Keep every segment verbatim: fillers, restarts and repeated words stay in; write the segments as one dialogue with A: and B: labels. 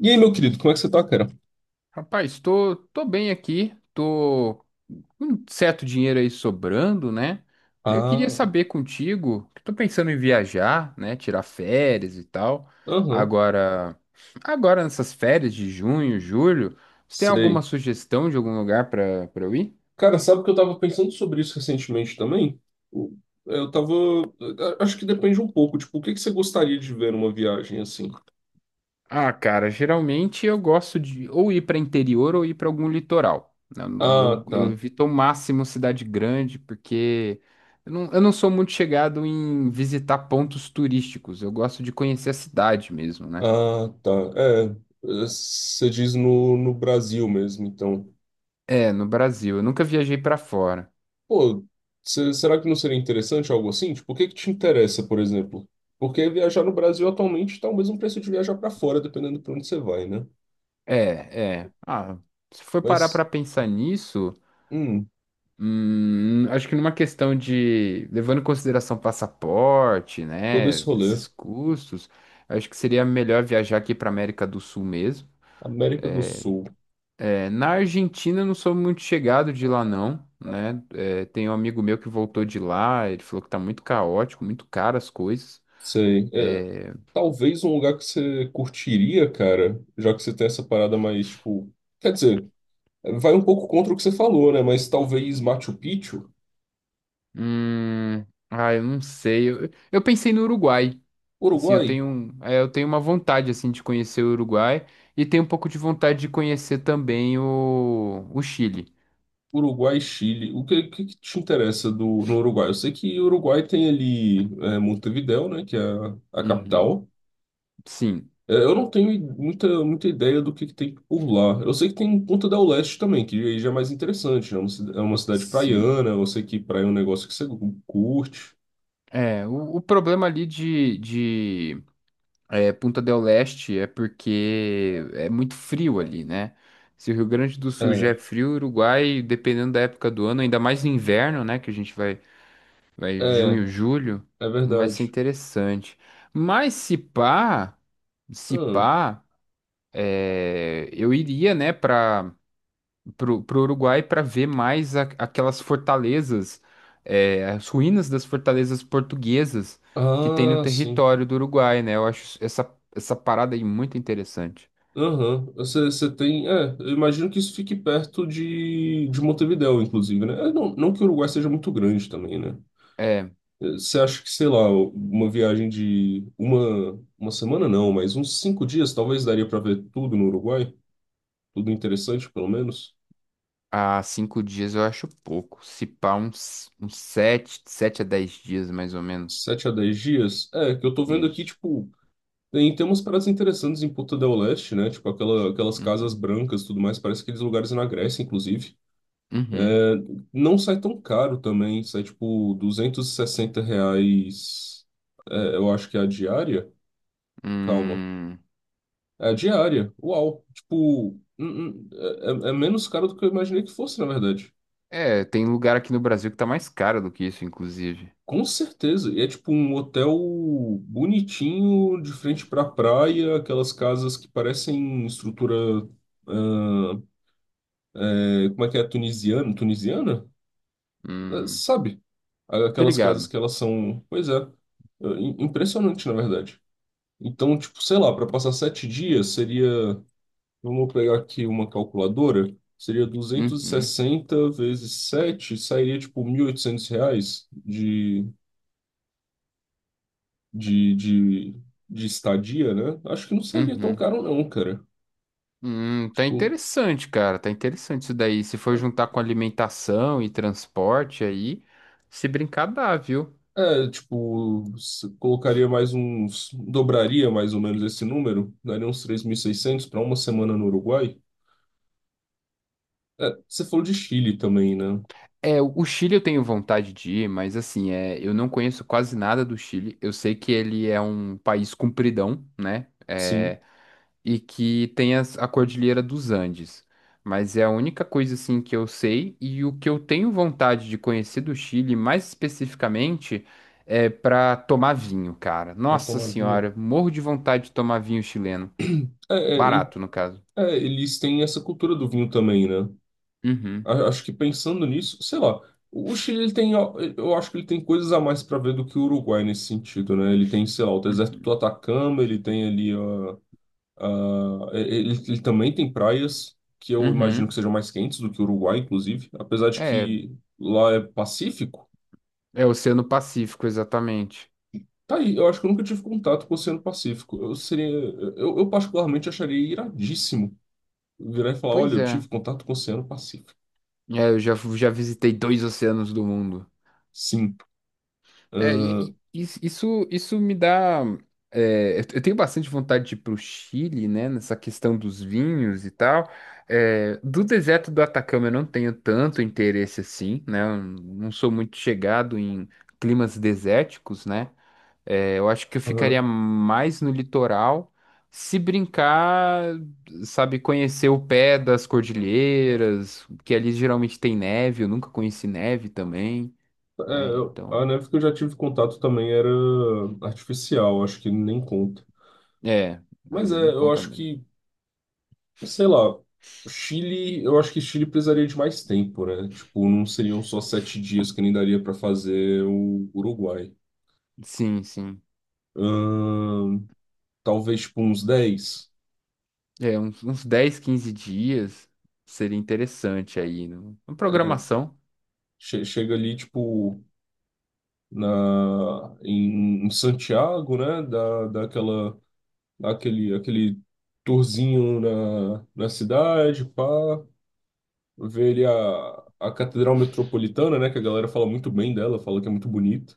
A: E aí, meu querido, como é que você tá, cara?
B: Rapaz, tô, tô bem aqui, tô com um certo dinheiro aí sobrando, né? Eu queria
A: Ah,
B: saber contigo, que tô pensando em viajar, né? Tirar férias e tal.
A: aham,
B: Agora, agora nessas férias de junho, julho, você tem alguma
A: sei.
B: sugestão de algum lugar pra para eu ir?
A: Cara, sabe que eu tava pensando sobre isso recentemente também? O- Eu tava. a- Acho que depende um pouco, tipo, o que que você gostaria de ver numa viagem assim?
B: Ah, cara, geralmente eu gosto de ou ir para interior ou ir para algum litoral. Eu,
A: Ah,
B: eu, eu
A: tá.
B: evito ao máximo cidade grande, porque eu não, eu não sou muito chegado em visitar pontos turísticos. Eu gosto de conhecer a cidade mesmo, né?
A: Ah, tá. É, eh, você diz no, no Brasil mesmo, então.
B: É, no Brasil. Eu nunca viajei para fora.
A: Pô, cê- será que não seria interessante algo assim? Tipo, o que que te interessa, por exemplo? Porque viajar no Brasil atualmente tá o mesmo preço de viajar pra fora, dependendo pra onde você vai, né?
B: É, é. Ah, se for parar para
A: Mas,
B: pensar nisso.
A: hum,
B: Hum, acho que numa questão de, levando em consideração passaporte,
A: todo
B: né,
A: esse rolê.
B: esses custos, acho que seria melhor viajar aqui para América do Sul mesmo.
A: América do Sul.
B: É, na Argentina eu não sou muito chegado de lá não, né? É, tem um amigo meu que voltou de lá, ele falou que tá muito caótico, muito caro as coisas.
A: Sei. É,
B: É,
A: talvez um lugar que você curtiria, cara, já que você tem essa parada mais, tipo. Quer dizer, vai um pouco contra o que você falou, né? Mas talvez Machu Picchu?
B: hum, ah, eu não sei. Eu, eu pensei no Uruguai. Assim, eu
A: Uruguai?
B: tenho, um- é, eu tenho uma vontade assim de conhecer o Uruguai e tenho um pouco de vontade de conhecer também o, o Chile.
A: Uruguai, Chile. O que, que, que te interessa do, no Uruguai? Eu sei que o Uruguai tem ali é, Montevidéu, né? Que é a, a
B: Uhum.
A: capital.
B: Sim,
A: É, eu não tenho i- muita, muita ideia do que, que tem por lá. Eu sei que tem Ponta del Este também, que aí já é mais interessante, né? É uma, cida- é uma cidade
B: sim.
A: praiana, eu sei que praia é um negócio que você cu- curte.
B: É, o, o problema ali de, de é, Punta del Este é porque é muito frio ali, né? Se o Rio Grande do Sul já
A: É,
B: é frio, o Uruguai, dependendo da época do ano, ainda mais no inverno, né? Que a gente vai, vai
A: é,
B: junho, julho,
A: é
B: não vai ser
A: verdade.
B: interessante. Mas se pá, se pá. É, eu iria, né, para o Uruguai para ver mais a- aquelas fortalezas, é, as ruínas das fortalezas portuguesas que tem no
A: Ah, ah, sim.
B: território do Uruguai, né? Eu acho essa, essa parada aí muito interessante.
A: Aham. Você, você tem. É, eu imagino que isso fique perto de, de Montevidéu, inclusive, né? É, não, não que o Uruguai seja muito grande também, né?
B: É,
A: É, você acha que, sei lá, uma viagem de uma, uma semana não, mas uns cinco dias talvez daria para ver tudo no Uruguai? Tudo interessante, pelo menos.
B: há cinco dias eu acho pouco. Se pá, uns, uns sete, sete a dez dias, mais ou menos.
A: Sete a dez dias? É, que eu tô vendo aqui,
B: Isso.
A: tipo, tem, tem umas paradas interessantes em Punta del Este, né? Tipo, aquela, aquelas casas
B: Uhum.
A: brancas e tudo mais, parece aqueles lugares na Grécia, inclusive.
B: Uhum.
A: Não sai tão caro também, sai, tipo, duzentos e sessenta reais, é, eu acho que é a diária? Calma.
B: Hum.
A: É a diária, uau. Tipo, hum, hum, é, é é menos caro do que eu imaginei que fosse, na verdade.
B: É, tem lugar aqui no Brasil que tá mais caro do que isso, inclusive.
A: Com certeza. E é tipo um hotel bonitinho, de frente pra praia, aquelas casas que parecem estrutura. Ah, é, como é que é? Tunisiana? Tunisiana? Ah,
B: Hum.
A: sabe?
B: Tô
A: Aquelas casas
B: ligado.
A: que elas são. Pois é. Ah, im- impressionante, na verdade. Então, tipo, sei lá, para passar sete dias seria. Vamos pegar aqui uma calculadora. Seria duzentos e
B: Uhum.
A: sessenta vezes sete sairia tipo mil e oitocentos reais de, de, de estadia, né? Acho que não sairia tão
B: Uhum.
A: caro, não, cara.
B: Hum, tá
A: Tipo,
B: interessante, cara. Tá interessante isso daí. Se for juntar com alimentação e transporte aí, se brincar dá, viu?
A: é, é, tipo, se- colocaria mais uns. Dobraria mais ou menos esse número, daria uns três mil e seiscentos para uma semana no Uruguai. É, você falou de Chile também, né?
B: É, o o Chile eu tenho vontade de ir, mas assim, é, eu não conheço quase nada do Chile. Eu sei que ele é um país compridão, né?
A: Sim,
B: É, e que tem as- a Cordilheira dos Andes. Mas é a única coisa assim que eu sei e o que eu tenho vontade de conhecer do Chile, mais especificamente, é para tomar vinho, cara.
A: para
B: Nossa
A: tomar vinho.
B: senhora, morro de vontade de tomar vinho chileno.
A: É, é, é,
B: Barato, no caso.
A: é, eles têm essa cultura do vinho também, né?
B: Uhum.
A: A- Acho que pensando nisso, sei lá. O Chile ele tem, ó, eu acho que ele tem coisas a mais para ver do que o Uruguai nesse sentido, né? Ele tem, sei lá, o deserto do
B: Uhum.
A: Atacama, ele tem ali. Ah, ele, ele também tem praias que eu imagino que
B: Uhum.
A: sejam mais quentes do que o Uruguai, inclusive, apesar de
B: É,
A: que lá é Pacífico.
B: é Oceano Pacífico, exatamente.
A: Tá aí, eu acho que eu nunca tive contato com o Oceano Pacífico. Eu seria, eu, eu particularmente acharia iradíssimo virar e falar, olha,
B: Pois
A: eu
B: é.
A: tive contato com o Oceano Pacífico.
B: É, eu já, fu- já visitei dois oceanos do mundo.
A: Sim.
B: É,
A: Ah,
B: e- e- isso, isso isso me dá. É, eu eu tenho bastante vontade de ir pro Chile, né? Nessa questão dos vinhos e tal. É, do deserto do Atacama eu não tenho tanto interesse assim, né? Eu não sou muito chegado em climas desérticos, né? É, eu acho que eu
A: aham.
B: ficaria mais no litoral. Se brincar, sabe, conhecer o pé das cordilheiras, que ali geralmente tem neve, eu nunca conheci neve também,
A: É,
B: né?
A: eu- a
B: Então.
A: neve que eu já tive contato também era artificial, acho que nem conta.
B: É,
A: Mas
B: aí
A: é,
B: nem
A: eu
B: conta
A: acho
B: mesmo.
A: que sei lá, o Chile, eu acho que o Chile precisaria de mais tempo, né? Tipo, não seriam só sete dias que nem daria pra fazer o Uruguai.
B: Sim, sim.
A: Ahn, Talvez, tipo, uns dez.
B: É, uns, uns dez, quinze dias seria interessante aí, no- uma
A: É,
B: programação.
A: che- chega ali, tipo, na, em, em Santiago, né? Dá, dá aquela, dá aquele, aquele tourzinho na, na cidade, pá. Ver ali a, a Catedral Metropolitana, né? Que a galera fala muito bem dela, fala que é muito bonita.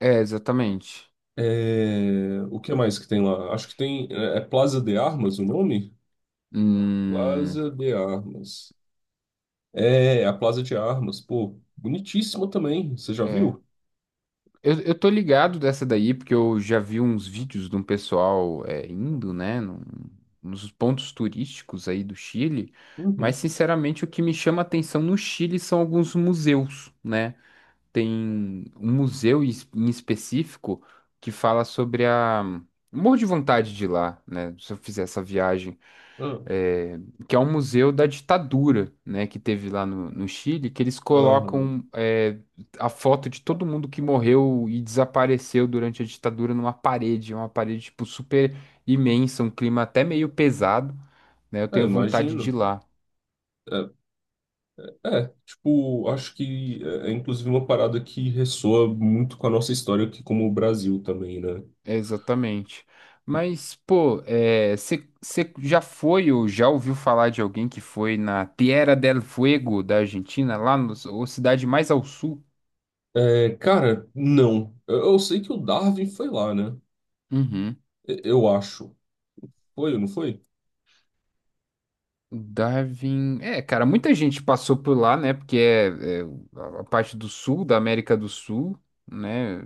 B: É, exatamente.
A: É, o que mais que tem lá? Acho que tem. É é Plaza de Armas o nome?
B: Hum,
A: Plaza de Armas. É, a Plaza de Armas. Pô, bonitíssima também. Você já
B: é.
A: viu?
B: Eu, eu tô ligado dessa daí, porque eu já vi uns vídeos de um pessoal é, indo, né, num- nos pontos turísticos aí do Chile, mas
A: Uhum.
B: sinceramente o que me chama atenção no Chile são alguns museus, né? Tem um museu em es- em específico que fala sobre a. Morro de vontade de ir lá, né? Se eu fizer essa viagem,
A: Ah,
B: é, que é um museu da ditadura, né? Que teve lá no, no Chile, que eles
A: aham.
B: colocam é, a foto de todo mundo que morreu e desapareceu durante a ditadura numa parede, é uma parede tipo super imensa, um clima até meio pesado, né? Eu
A: É,
B: tenho vontade de ir
A: imagino.
B: lá.
A: É, é, tipo, acho que é, é inclusive uma parada que ressoa muito com a nossa história aqui como o Brasil também, né?
B: É, exatamente. Mas, pô, você já foi ou já ouviu falar de alguém que foi na Tierra del Fuego da Argentina, lá na cidade mais ao sul?
A: É, cara, não. Eu, eu sei que o Darwin foi lá, né?
B: Uhum.
A: E- Eu acho. Foi ou não foi?
B: Darwin. É, cara, muita gente passou por lá, né? Porque é, é a a parte do sul da América do Sul, né?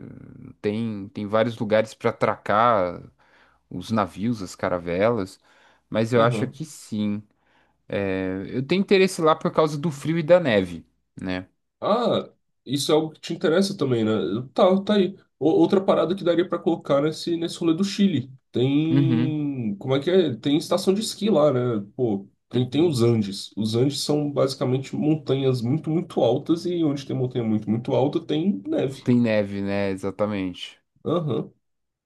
B: Tem, tem vários lugares para atracar os navios, as caravelas. Mas eu acho
A: Aham.
B: que sim. É, eu tenho interesse lá por causa do frio e da neve. Né?
A: Ah, isso é algo que te interessa também, né? Tá, tá aí. O- outra parada que daria pra colocar nesse, nesse rolê do Chile.
B: Uhum,
A: Tem. Como é que é? Tem estação de esqui lá, né? Pô, tem, tem
B: uhum.
A: os Andes. Os Andes são basicamente montanhas muito, muito altas e onde tem montanha muito, muito alta tem neve.
B: Tem neve, né? Exatamente.
A: Aham.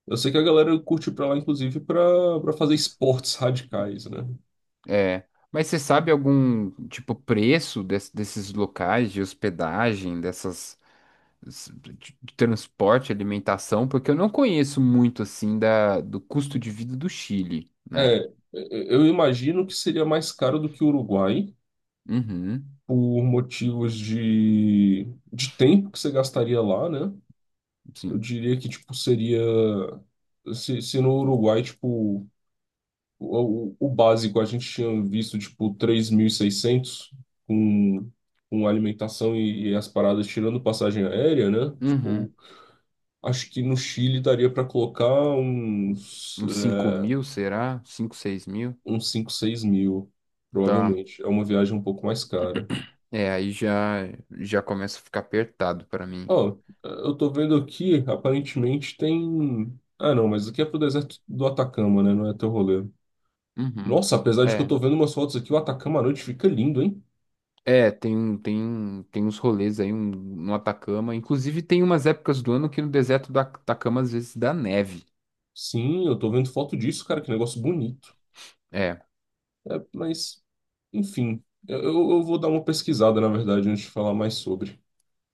A: Eu sei que a galera curte ir pra lá, inclusive, pra, pra fazer esportes radicais, né?
B: É. Mas você sabe algum, tipo, preço des- desses locais de hospedagem, dessas de transporte, alimentação? Porque eu não conheço muito, assim, da, do custo de vida do Chile, né?
A: É, eu eu imagino que seria mais caro do que o Uruguai.
B: Uhum,
A: Por motivos de, de tempo que você gastaria lá, né? Eu
B: sim.
A: diria que, tipo, seria... Se, se no Uruguai, tipo, o, o básico a gente tinha visto, tipo, três mil e seiscentos com, com alimentação e, e as paradas tirando passagem aérea, né?
B: Uhum.
A: Tipo, acho que no Chile daria para colocar uns,
B: Uns
A: eh,
B: cinco mil, será? Cinco seis mil?
A: uns cinco seis mil,
B: Tá.
A: provavelmente. É uma viagem um pouco mais cara.
B: É, aí já, já começa a ficar apertado pra mim.
A: Ó, eu tô vendo aqui, aparentemente tem. Ah, não, mas aqui é pro deserto do Atacama, né? Não é teu rolê.
B: Uhum.
A: Nossa, apesar de que eu
B: É.
A: tô vendo umas fotos aqui, o Atacama à noite fica lindo, hein?
B: É, tem, um, tem, um, tem uns rolês aí um, no Atacama. Inclusive, tem umas épocas do ano que no deserto do Atacama às vezes dá neve.
A: Sim, eu tô vendo foto disso, cara, que negócio bonito.
B: É,
A: É, mas, enfim, eu, eu vou dar uma pesquisada, na verdade, antes de falar mais sobre.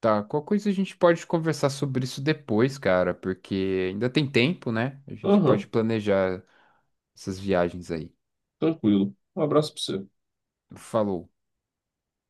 B: tá. Qual coisa a gente pode conversar sobre isso depois, cara? Porque ainda tem tempo, né? A gente pode
A: Aham,
B: planejar essas viagens aí.
A: tranquilo. Um abraço pra você.
B: Falou.